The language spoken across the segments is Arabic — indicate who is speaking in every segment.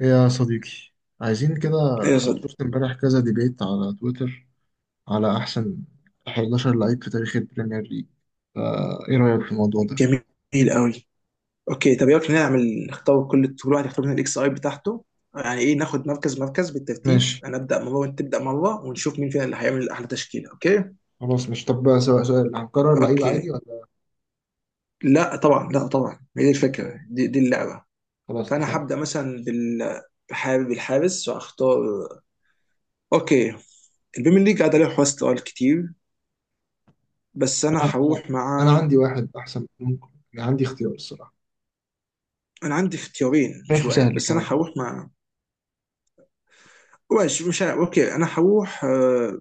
Speaker 1: إيه يا صديقي، عايزين كده.
Speaker 2: ايه يا
Speaker 1: كنت
Speaker 2: صديقي.
Speaker 1: شفت امبارح كذا ديبيت على تويتر على أحسن 11 لعيب في تاريخ البريمير ليج. فا إيه رأيك في الموضوع ده؟
Speaker 2: جميل قوي. اوكي، طب يلا نعمل، نختار كل واحد يختار من الاكس اي بتاعته. يعني ايه، ناخد مركز مركز بالترتيب،
Speaker 1: ماشي.
Speaker 2: انا ابدا مره وانت تبدا مره ونشوف مين فينا اللي هيعمل احلى تشكيله. اوكي.
Speaker 1: خلاص مش طب بقى، سؤال سؤال هنكرر لعيب عادي
Speaker 2: اوكي،
Speaker 1: ولا؟
Speaker 2: لا طبعا، لا طبعا، هي دي الفكره،
Speaker 1: أوكي،
Speaker 2: دي, دي اللعبه.
Speaker 1: خلاص
Speaker 2: فانا
Speaker 1: اتفقنا.
Speaker 2: هبدا مثلا بحابب الحارس واختار. اوكي، البيمن ليج قاعد عليه حواس سؤال كتير، بس انا
Speaker 1: أنا
Speaker 2: هروح
Speaker 1: أنا
Speaker 2: مع.
Speaker 1: عندي واحد أحسن ممكن، يعني عندي اختيار الصراحة.
Speaker 2: انا عندي اختيارين مش
Speaker 1: شايفه
Speaker 2: واحد،
Speaker 1: سهل
Speaker 2: بس انا
Speaker 1: كمان.
Speaker 2: هروح مع. مش عارف. اوكي انا هروح،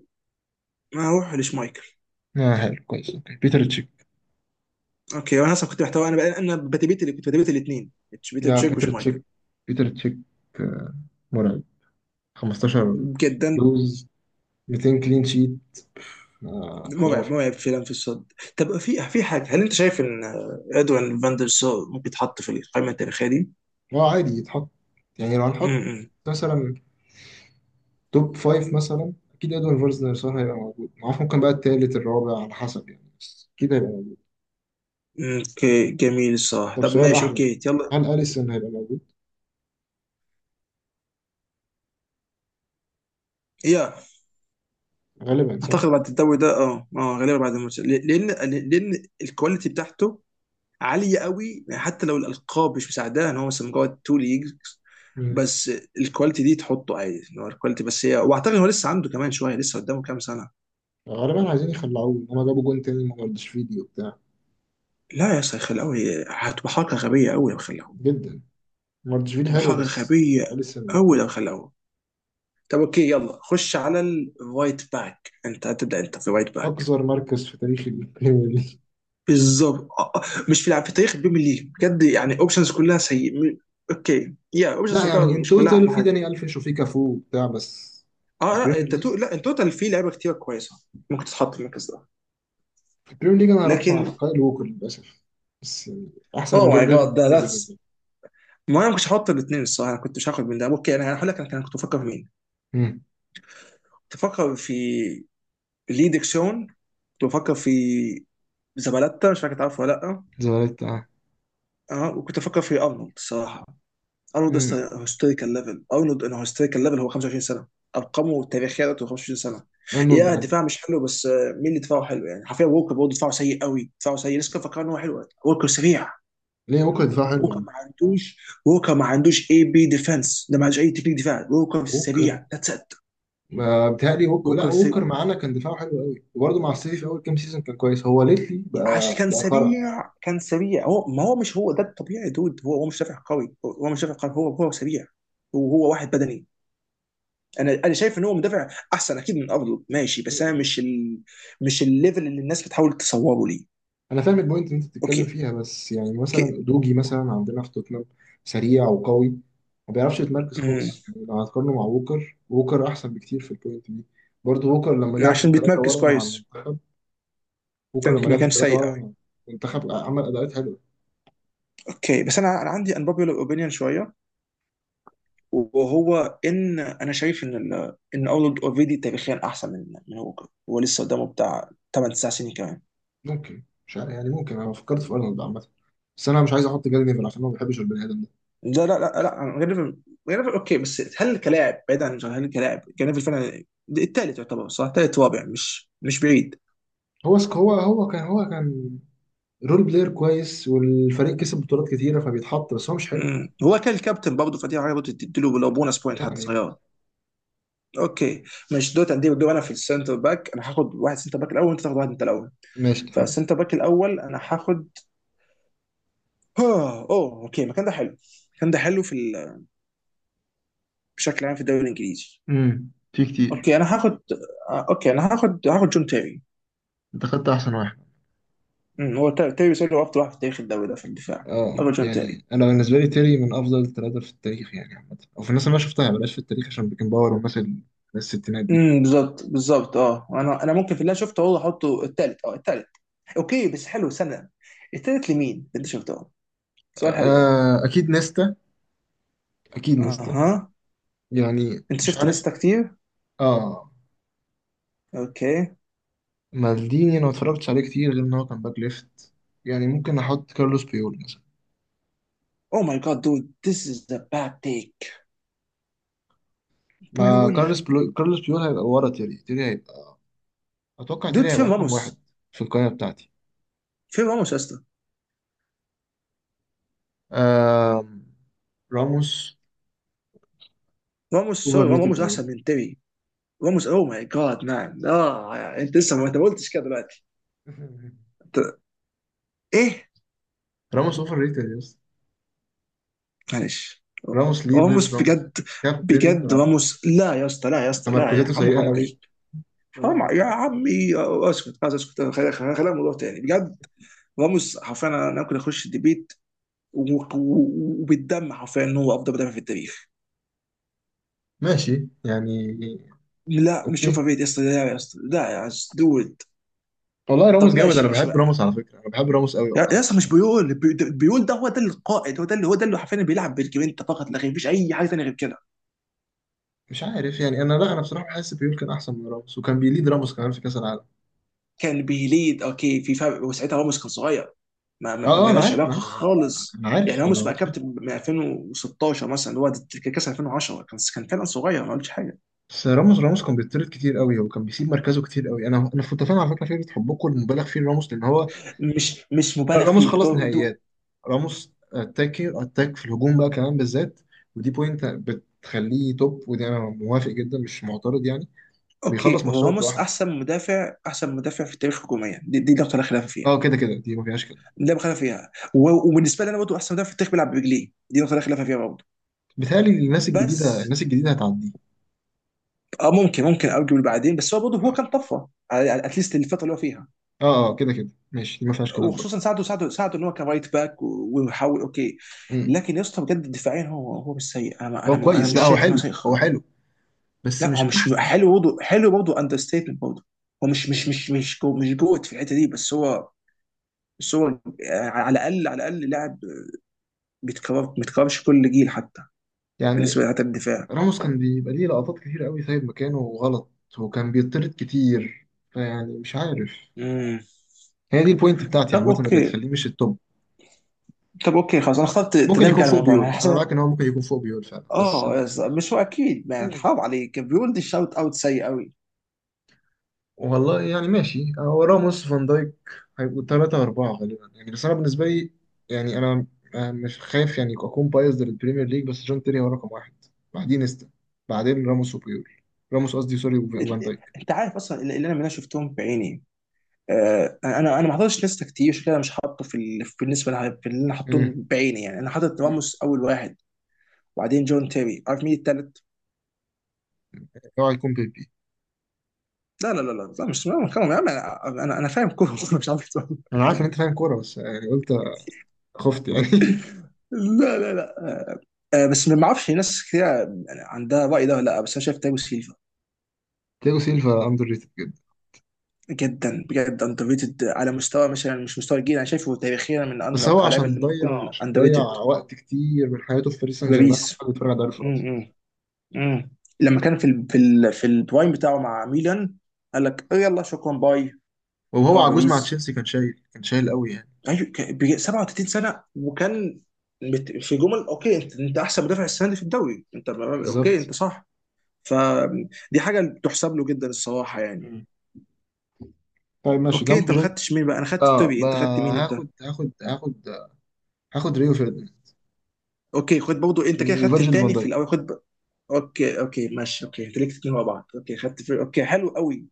Speaker 2: ما هروح لشمايكل.
Speaker 1: آه حلو كويس، أوكي بيتر تشيك.
Speaker 2: اوكي، وانا اصلا كنت محتار انا بقى، انا بتبيت اللي كنت بتبيت الاثنين، بيتر
Speaker 1: لا
Speaker 2: تشيك
Speaker 1: بيتر تشيك،
Speaker 2: وشمايكل.
Speaker 1: بيتر تشيك. آه، مرعب. 15
Speaker 2: جدا.
Speaker 1: لوز، 200 كلين شيت. آه
Speaker 2: مرعب
Speaker 1: خرافي.
Speaker 2: مرعب فعلا في الصد. طب في حاجه، هل انت شايف ان ادوين فاندر سار ممكن يتحط في القائمه التاريخيه دي؟
Speaker 1: اه عادي يتحط، يعني لو هنحط
Speaker 2: امم.
Speaker 1: مثلا توب فايف مثلا أكيد إدوارد فيرزنر هيبقى موجود، معرفش ممكن بقى التالت الرابع على حسب يعني، بس أكيد هيبقى موجود.
Speaker 2: اوكي جميل الصراحه.
Speaker 1: طب
Speaker 2: طب
Speaker 1: سؤال
Speaker 2: ماشي،
Speaker 1: أحلى ده.
Speaker 2: اوكي يلا.
Speaker 1: هل أليسون هيبقى موجود؟
Speaker 2: يا
Speaker 1: غالبا صح؟
Speaker 2: اعتقد بعد الدوري ده، غالبا بعد الماتش، لان الكواليتي بتاعته عاليه قوي، حتى لو الالقاب مش مساعداه ان هو مثلا مجرد تو ليجز.
Speaker 1: مم.
Speaker 2: بس الكواليتي دي تحطه عادي ان هو الكواليتي بس هي، واعتقد هو لسه عنده كمان شويه، لسه قدامه كام سنه.
Speaker 1: غالبا عايزين يخلعوه إن هما جابوا جون تاني من ماردشفيلي وبتاع.
Speaker 2: لا يا اسطى، خلاوي هتبقى حركه غبيه قوي لو خلاهم.
Speaker 1: جدا. ماردشفيلي
Speaker 2: تبقى
Speaker 1: حلو
Speaker 2: حركه
Speaker 1: بس،
Speaker 2: غبيه
Speaker 1: أليسون
Speaker 2: قوي لو
Speaker 1: توب.
Speaker 2: خلاهم. طب اوكي، يلا خش على الرايت باك. انت هتبدا، انت في رايت باك.
Speaker 1: أقذر مركز في تاريخ البريمير ليج.
Speaker 2: بالظبط، آه، آه. مش في لعب في تاريخ البيم ليج بجد، يعني اوبشنز كلها سيء. اوكي يا،
Speaker 1: لا
Speaker 2: اوبشنز
Speaker 1: يعني إن
Speaker 2: مش كلها
Speaker 1: توتال
Speaker 2: احلى
Speaker 1: في
Speaker 2: حاجه.
Speaker 1: داني ألفيش وفي كافو وبتاع بس. في
Speaker 2: اه، لا
Speaker 1: البريمير ليج،
Speaker 2: التاتو لا التوتال فيه لعيبه كتير كويسه، ممكن تتحط في المركز ده.
Speaker 1: في البريمير ليج انا هروح مع
Speaker 2: لكن.
Speaker 1: كايل ووكر للاسف، بس احسن من
Speaker 2: اوه
Speaker 1: جاري
Speaker 2: ماي
Speaker 1: نيفل
Speaker 2: جاد، ده
Speaker 1: بكتير بالنسبه
Speaker 2: ذاتس.
Speaker 1: لي.
Speaker 2: ما انا ما كنتش هحط الاثنين الصراحه، انا كنت مش هاخد من ده. اوكي انا هقول لك، انا كنت بفكر في مين.
Speaker 1: امم.
Speaker 2: كنت بفكر في لي ديكسون، كنت بفكر في زبالتا، مش فاكر تعرفه ولا لا.
Speaker 1: زمالك اه.
Speaker 2: اه وكنت بفكر في ارنولد الصراحه. ارنولد
Speaker 1: امم.
Speaker 2: هيستوريكال ليفل. ارنولد انا هيستوريكال ليفل هو 25 سنه، ارقامه التاريخيه بتاعته 25 سنه.
Speaker 1: ارنولد
Speaker 2: يا
Speaker 1: كان.
Speaker 2: دفاع مش حلو، بس مين اللي دفاعه حلو؟ يعني حرفيا ووكر برضه دفاعه سيء قوي، دفاعه سيء، لسه كان فاكر ان هو حلو. ووكر سريع،
Speaker 1: ليه ووكر دفاع حلو
Speaker 2: ووكر
Speaker 1: يعني؟
Speaker 2: ما عندوش ووكر ما عندوش اي بي ديفense، ده ما عندوش اي تكنيك دفاع. ووكر
Speaker 1: ووكر.
Speaker 2: سريع، ذاتس ات.
Speaker 1: ما بتهيألي ووكر، لا
Speaker 2: ممكن س...
Speaker 1: ووكر معانا كان دفاعه حلو قوي وبرضه مع السيتي في اول كام سيزون كان كويس، هو ليتلي
Speaker 2: عشان
Speaker 1: بقى
Speaker 2: كان
Speaker 1: بقى خرا.
Speaker 2: سريع، كان سريع. هو، ما هو مش هو ده الطبيعي دود. هو مش دافع قوي، هو مش دافع قوي، هو سريع، وهو واحد بدني. انا شايف ان هو مدافع احسن اكيد من ارنولد، ماشي. بس انا مش مش الليفل اللي الناس بتحاول تصوره ليه.
Speaker 1: انا فاهم البوينت اللي انت بتتكلم
Speaker 2: اوكي.
Speaker 1: فيها، بس يعني مثلا
Speaker 2: اوكي.
Speaker 1: دوجي مثلا عندنا في توتنهام سريع وقوي ما بيعرفش يتمركز
Speaker 2: امم.
Speaker 1: خالص، يعني لو هتقارنه مع ووكر، ووكر احسن بكتير في البوينت دي. برضه ووكر لما لعب في
Speaker 2: عشان
Speaker 1: الثلاثه
Speaker 2: بيتمركز
Speaker 1: ورا مع
Speaker 2: كويس،
Speaker 1: المنتخب. بوكر
Speaker 2: كان
Speaker 1: لما
Speaker 2: ما
Speaker 1: لعب في
Speaker 2: كانش
Speaker 1: الثلاثة
Speaker 2: سيء قوي.
Speaker 1: بقى منتخب عمل أداءات حلوة.
Speaker 2: اوكي بس انا عندي unpopular اوبينيون شويه، وهو ان انا شايف ان ان ارنولد اوريدي تاريخيا احسن من هوكر، هو لسه قدامه بتاع 8 9 سنين كمان.
Speaker 1: ممكن مش عارف يعني، ممكن أنا فكرت في أرنولد عامة، بس أنا مش عايز أحط جاري نيفل عشان أنا ما بحبش البني آدم ده.
Speaker 2: لا لا لا لا، جريفيل. جريفيل اوكي، بس هل كلاعب بعيد عن؟ هل كلاعب جريفيل فعلا الثالث يعتبر؟ صح، ثالث رابع مش بعيد.
Speaker 1: هو سك هو هو كان هو كان رول بلاير كويس والفريق كسب بطولات كتيرة فبيتحط، بس هو مش حلو
Speaker 2: هو كان الكابتن برضه، فدي حاجه برضه تديله لو بونس بوينت حتى
Speaker 1: يعني.
Speaker 2: صغيره. اوكي. مش دوت عندي دور انا في السنتر باك. انا هاخد واحد سنتر باك الاول، وانت تاخد واحد انت الاول.
Speaker 1: ماشي اتفقنا.
Speaker 2: فالسنتر باك الاول انا هاخد. اوه، اوه، اوكي المكان ده حلو. المكان ده حلو في بشكل عام في الدوري الانجليزي.
Speaker 1: امم. في كتير.
Speaker 2: اوكي انا هاخد اوكي انا هاخد جون تيري.
Speaker 1: انت خدت احسن واحد.
Speaker 2: هو تيري سيلو افضل واحد في تاريخ الدوري ده في الدفاع.
Speaker 1: اه
Speaker 2: افرجون تيري.
Speaker 1: يعني انا بالنسبه لي تيري من افضل الثلاثه في التاريخ يعني عامه، او في الناس اللي انا شفتها بلاش في التاريخ عشان بيكن باور والناس الناس الستينات دي.
Speaker 2: امم، بالظبط، بالظبط. اه انا ممكن في اللي أنا شفته هو احطه الثالث، اه الثالث. اوكي بس حلو سنه، الثالث لمين اللي شفته؟ سؤال حلو ده.
Speaker 1: آه اكيد نيستا، اكيد نيستا.
Speaker 2: اها.
Speaker 1: يعني
Speaker 2: انت
Speaker 1: مش
Speaker 2: شفت
Speaker 1: عارف.
Speaker 2: نيستا كتير.
Speaker 1: اه.
Speaker 2: اوكي.
Speaker 1: مالديني انا ما اتفرجتش عليه كتير غير ان هو كان باك ليفت، يعني ممكن احط كارلوس بيول مثلا.
Speaker 2: او ماي جاد دود، ذيس از ذا باد تيك.
Speaker 1: ما
Speaker 2: بيول،
Speaker 1: كارلوس بيول، كارلوس بيول هيبقى ورا تيري. تيري هيبقى، اتوقع تيري
Speaker 2: دود
Speaker 1: هيبقى
Speaker 2: فين
Speaker 1: رقم
Speaker 2: راموس؟
Speaker 1: واحد في القائمه بتاعتي.
Speaker 2: فين راموس يا اسطى؟
Speaker 1: آم... راموس
Speaker 2: راموس،
Speaker 1: اوفر
Speaker 2: سوري،
Speaker 1: ريتد
Speaker 2: راموس
Speaker 1: قوي.
Speaker 2: احسن من تيري. راموس او ماي جاد مان. اه، انت لسه، ما انت ما قلتش كده دلوقتي؟ أنت- ايه؟
Speaker 1: راموس اوفر ريتد، يس.
Speaker 2: معلش.
Speaker 1: راموس ليدر،
Speaker 2: راموس
Speaker 1: راموس
Speaker 2: بجد،
Speaker 1: كابتن،
Speaker 2: بجد
Speaker 1: راموس
Speaker 2: راموس. لا يا اسطى، لا يا اسطى، لا يا
Speaker 1: تمركزاته
Speaker 2: عم،
Speaker 1: سيئه
Speaker 2: حرام عليك.
Speaker 1: قوي، راموس
Speaker 2: حرام يا
Speaker 1: بيتطرد كتير قوي.
Speaker 2: عمي. اسكت، عايز اسكت، خلينا الموضوع تاني بجد. راموس حرفيا أنا ممكن اخش الديبيت وبالدم حرفيا ان هو افضل مدافع في التاريخ.
Speaker 1: ماشي يعني.
Speaker 2: لا، مش اوفر
Speaker 1: اوكي.
Speaker 2: ريت يا اسطى، لا يا اسطى، لا يا دود.
Speaker 1: والله راموس
Speaker 2: طب
Speaker 1: جامد،
Speaker 2: ماشي،
Speaker 1: انا
Speaker 2: ماشي
Speaker 1: بحب راموس
Speaker 2: بقى.
Speaker 1: على فكره، انا بحب راموس قوي
Speaker 2: يا
Speaker 1: والله،
Speaker 2: يا اسطى،
Speaker 1: بس
Speaker 2: مش بيقول بيقول ده هو ده القائد، هو ده اللي حرفيا بيلعب بالجرينتا، فقط لا غير، مفيش اي حاجه ثانيه غير كده.
Speaker 1: مش عارف يعني. انا لا انا بصراحه بحس بيول كان احسن من راموس، وكان بيليد راموس كمان في كاس العالم.
Speaker 2: كان بيليد اوكي في فرق، وساعتها راموس كان صغير.
Speaker 1: اه
Speaker 2: ما
Speaker 1: انا
Speaker 2: لهاش
Speaker 1: عارف انا
Speaker 2: علاقه
Speaker 1: عارف
Speaker 2: خالص،
Speaker 1: انا
Speaker 2: يعني
Speaker 1: عارف انا
Speaker 2: راموس بقى
Speaker 1: عارف.
Speaker 2: كابتن من 2016 مثلا اللي هو ده. كاس 2010 كان فعلا صغير، ما قلتش حاجه.
Speaker 1: بس راموس كان بيطرد كتير قوي وكان بيسيب مركزه كتير قوي. انا كنت فاهم على فكره فكره حبكم المبالغ فيه لراموس لان هو،
Speaker 2: مش
Speaker 1: لا،
Speaker 2: مبالغ
Speaker 1: راموس
Speaker 2: فيه
Speaker 1: خلص
Speaker 2: دو دو.
Speaker 1: نهائيات. راموس اتاكي اتاك في الهجوم بقى كمان بالذات، ودي بوينت بتخليه توب، ودي انا موافق جدا مش معترض يعني.
Speaker 2: اوكي،
Speaker 1: بيخلص
Speaker 2: هو
Speaker 1: ماتشات
Speaker 2: راموس
Speaker 1: لوحده.
Speaker 2: احسن مدافع في التاريخ هجوميا، دي نقطه لا خلاف
Speaker 1: اه
Speaker 2: فيها.
Speaker 1: كده كده دي ما فيهاش كلام.
Speaker 2: لا خلاف فيها وبالنسبه لي انا برضه احسن مدافع في التاريخ بيلعب برجليه، دي نقطه لا خلاف فيها برضه.
Speaker 1: بيتهيألي الناس الجديده،
Speaker 2: بس
Speaker 1: الناس الجديده هتعديه.
Speaker 2: اه ممكن ارجو بعدين، بس هو برضه هو
Speaker 1: اه.
Speaker 2: كان طفره اتليست الفتره اللي هو فيها.
Speaker 1: اه كده كده ماشي، دي ما فيهاش كلام.
Speaker 2: وخصوصا ساعده، ان هو كان رايت باك ويحاول اوكي.
Speaker 1: برضه
Speaker 2: لكن يا اسطى بجد دفاعيا، هو مش سيء.
Speaker 1: هو
Speaker 2: انا
Speaker 1: كويس،
Speaker 2: مش
Speaker 1: لا هو
Speaker 2: شايف ان هو
Speaker 1: حلو،
Speaker 2: سيء
Speaker 1: هو
Speaker 2: خالص.
Speaker 1: حلو بس
Speaker 2: لا هو
Speaker 1: مش
Speaker 2: مش
Speaker 1: احسن سيد.
Speaker 2: حلو برضه، حلو برضه اندر ستيتمنت برضه. هو مش جوت في الحته دي، بس هو على الاقل لاعب بيتكررش كل جيل حتى بالنسبه
Speaker 1: يعني
Speaker 2: لحتى الدفاع.
Speaker 1: راموس كان بيبقى ليه لقطات كتير قوي سايب مكانه غلط، وكان بيطرد كتير، فيعني مش عارف.
Speaker 2: امم.
Speaker 1: هي دي البوينت بتاعتي
Speaker 2: طب
Speaker 1: عامة اللي
Speaker 2: اوكي
Speaker 1: تخليه مش التوب.
Speaker 2: طب اوكي خلاص انا اخترت
Speaker 1: ممكن
Speaker 2: تدمج
Speaker 1: يكون
Speaker 2: على
Speaker 1: فوق
Speaker 2: الموضوع انا
Speaker 1: بيول، انا
Speaker 2: حاسس.
Speaker 1: معاك ان هو ممكن يكون فوق بيول فعلا، بس
Speaker 2: اه
Speaker 1: آه،
Speaker 2: يا اسطى، مش هو اكيد يعني، حرام عليك بيقول، دي الشوت اوت سيء قوي.
Speaker 1: والله يعني ماشي، هو راموس فان دايك هيبقوا ثلاثة أربعة غالبا يعني، بس أنا بالنسبة لي يعني، أنا مش خايف يعني أكون بايظ للبريمير ليج، بس جون تيري هو رقم واحد، بعدين نيستا، بعدين راموس وبيول. راموس قصدي سوري،
Speaker 2: انت
Speaker 1: وفان دايك.
Speaker 2: أنت عارف اصلا اللي انا شفتهم بعيني. انا ما حضرتش ناس كتير، عشان كده مش حاطه في اللي انا
Speaker 1: امم.
Speaker 2: حاطهم بعيني. يعني انا حاطط راموس اول واحد، وبعدين جون تيري. عارف مين التالت؟
Speaker 1: اوعى يكون بيبي.
Speaker 2: لا لا لا لا لا، مش لا، يا عم، انا انا أنا فاهم كوره أنا مش عارف أتفرج.
Speaker 1: انا عارف ان انت فاهم كوره، بس يعني قلت خفت يعني.
Speaker 2: لا لا لا. بس ما اعرفش ناس كتير يعني عندها الراي ده ولا لا، بس انا شايف تيري سيلفا.
Speaker 1: تياجو سيلفا اندر ريتد جدا.
Speaker 2: جدا بجد اندر ريتد، على مستوى مثلا مش مستوى الجيل، انا شايفه تاريخيا
Speaker 1: بس هو
Speaker 2: اكتر اللعيبه
Speaker 1: عشان
Speaker 2: اللي ممكن
Speaker 1: ضيع،
Speaker 2: تكون
Speaker 1: عشان
Speaker 2: اندر
Speaker 1: ضيع
Speaker 2: ريتد.
Speaker 1: وقت كتير من حياته في باريس
Speaker 2: في
Speaker 1: سان جيرمان
Speaker 2: باريس.
Speaker 1: عمال بيتفرج على الدوري الفرنسي.
Speaker 2: م- م. امم. لما كان في ال في ال في البرايم بتاعه مع ميلان، قال لك "آه يلا شكرا باي،
Speaker 1: وهو
Speaker 2: هروح
Speaker 1: عجوز مع
Speaker 2: باريس".
Speaker 1: تشيلسي كان شايل، كان شايل قوي يعني.
Speaker 2: ايوه، كان 37 سنه، وكان في جمل، اوكي انت احسن مدافع السنه دي في الدوري. انت اوكي،
Speaker 1: بالظبط.
Speaker 2: انت صح. فدي حاجه تحسب له جدا الصراحه، يعني.
Speaker 1: مم. طيب ماشي
Speaker 2: اوكي،
Speaker 1: جنب
Speaker 2: انت ما
Speaker 1: جون.
Speaker 2: خدتش مين بقى؟ انا خدت
Speaker 1: اه
Speaker 2: توري،
Speaker 1: بقى،
Speaker 2: انت خدت مين انت؟
Speaker 1: هاخد هاخد هاخد هاخد ريو فيرديناند
Speaker 2: اوكي خد برضه. انت كده خدت
Speaker 1: وفيرجيل فان
Speaker 2: التاني في
Speaker 1: دايك.
Speaker 2: الاول. خد اوكي، اوكي، ماشي، اوكي، انت ليك اتنين مع بعض، اوكي، خدت اوكي حلو قوي.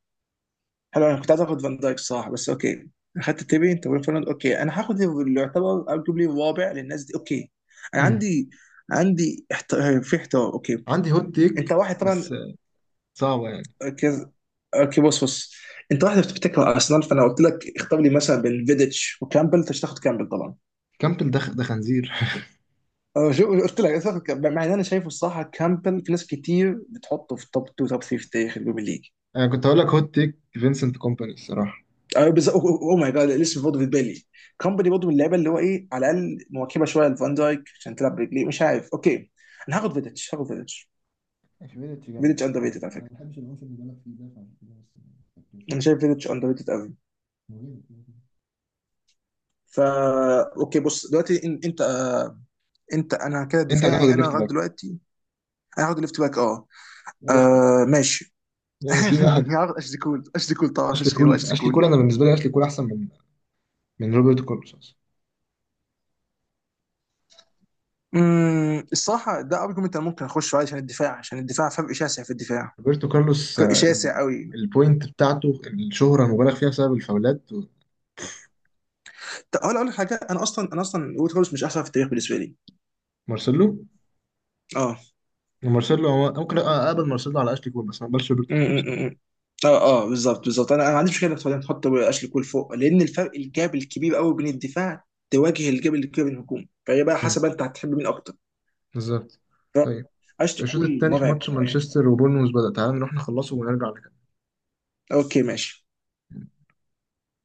Speaker 2: حلو، انا كنت عايز اخد فان دايك صح، بس اوكي، اخدت تيبي انت وفرناند. اوكي انا هاخد اللي يعتبر ارجوبلي الرابع للناس دي. اوكي، انا
Speaker 1: أمم.
Speaker 2: عندي في احترام اوكي،
Speaker 1: عندي هوت
Speaker 2: انت
Speaker 1: تيك
Speaker 2: واحد
Speaker 1: بس،
Speaker 2: طبعا.
Speaker 1: صعبة يعني.
Speaker 2: كز... اوكي بص بص، انت واحد بتفتكر ارسنال. فانا قلت لك اختار لي مثلا بين فيديتش وكامبل، انت مش هتاخد كامبل طبعا.
Speaker 1: كامبل ده ده خنزير.
Speaker 2: أه، شو قلت لك، أنت هتاخد كامبل، مع ان انا شايفه الصراحه كامبل في ناس كتير بتحطه في توب 2 توب 3 في تاريخ البريمير ليج.
Speaker 1: انا كنت هقول لك هوت تيك فينسنت كومباني الصراحة.
Speaker 2: ايوه بالظبط. اوه ماي جاد، الاسم برضه في بالي، كومباني برضه من اللعيبه اللي هو، ايه، على الاقل مواكبه شويه لفان دايك عشان تلعب برجليه، مش عارف. اوكي، انا هاخد فيديتش، هاخد فيديتش.
Speaker 1: اشمعنى جامد،
Speaker 2: فيديتش
Speaker 1: بس
Speaker 2: اندر
Speaker 1: آه،
Speaker 2: ريتد على
Speaker 1: انا ما
Speaker 2: فكره،
Speaker 1: بحبش العنف اللي بالك فيه ده، فعشان كده بس ما خدتوش
Speaker 2: انا
Speaker 1: يعني.
Speaker 2: شايف فيديتش اندر ريتد قوي.
Speaker 1: هو جامد كده كده.
Speaker 2: فا اوكي، بص دلوقتي، انت، انت انا كده
Speaker 1: انت هتاخد
Speaker 2: دفاعي انا
Speaker 1: الليفت
Speaker 2: لغايه
Speaker 1: باك،
Speaker 2: دلوقتي. انا هاخد ليفت باك، اه.
Speaker 1: يا بختك.
Speaker 2: آه ماشي.
Speaker 1: يعني في واحد.
Speaker 2: هاخد اشلي كول، اشلي كول طبعا،
Speaker 1: اشلي
Speaker 2: مفيش غيره
Speaker 1: كول،
Speaker 2: اشلي
Speaker 1: اشلي
Speaker 2: كول.
Speaker 1: كول انا بالنسبه لي اشلي كول احسن من، من روبرتو كارلوس أصلاً.
Speaker 2: الصراحه ده ارجيومنت انا ممكن اخش عليه، عشان الدفاع فرق شاسع في الدفاع،
Speaker 1: روبرتو كارلوس
Speaker 2: فرق شاسع قوي.
Speaker 1: البوينت بتاعته الشهره مبالغ فيها بسبب الفاولات.
Speaker 2: طب اقول لك حاجه، انا اصلا ويت هولز مش احسن في التاريخ بالنسبه لي.
Speaker 1: مارسيلو.
Speaker 2: اه،
Speaker 1: مارسيلو هو ممكن اقبل مارسيلو على اشلي كول، بس ما اقبلش
Speaker 2: م-
Speaker 1: روبرتو كارلوس.
Speaker 2: م- م. اه اه بالظبط، بالظبط. انا ما عنديش مشكله انك تحط اشلي كول فوق، لان الفرق الجاب الكبير قوي بين الدفاع، تواجه الجاب الكبير بين الهجوم، فهي بقى
Speaker 1: مم.
Speaker 2: حسب انت هتحب مين اكتر.
Speaker 1: بالظبط.
Speaker 2: ف-
Speaker 1: طيب
Speaker 2: اشلي
Speaker 1: الشوط
Speaker 2: كول
Speaker 1: الثاني في
Speaker 2: مرعب
Speaker 1: ماتش
Speaker 2: يعني.
Speaker 1: مانشستر وبورنموث بدأ، تعال نروح نخلصه ونرجع نكمل.
Speaker 2: اوكي ماشي.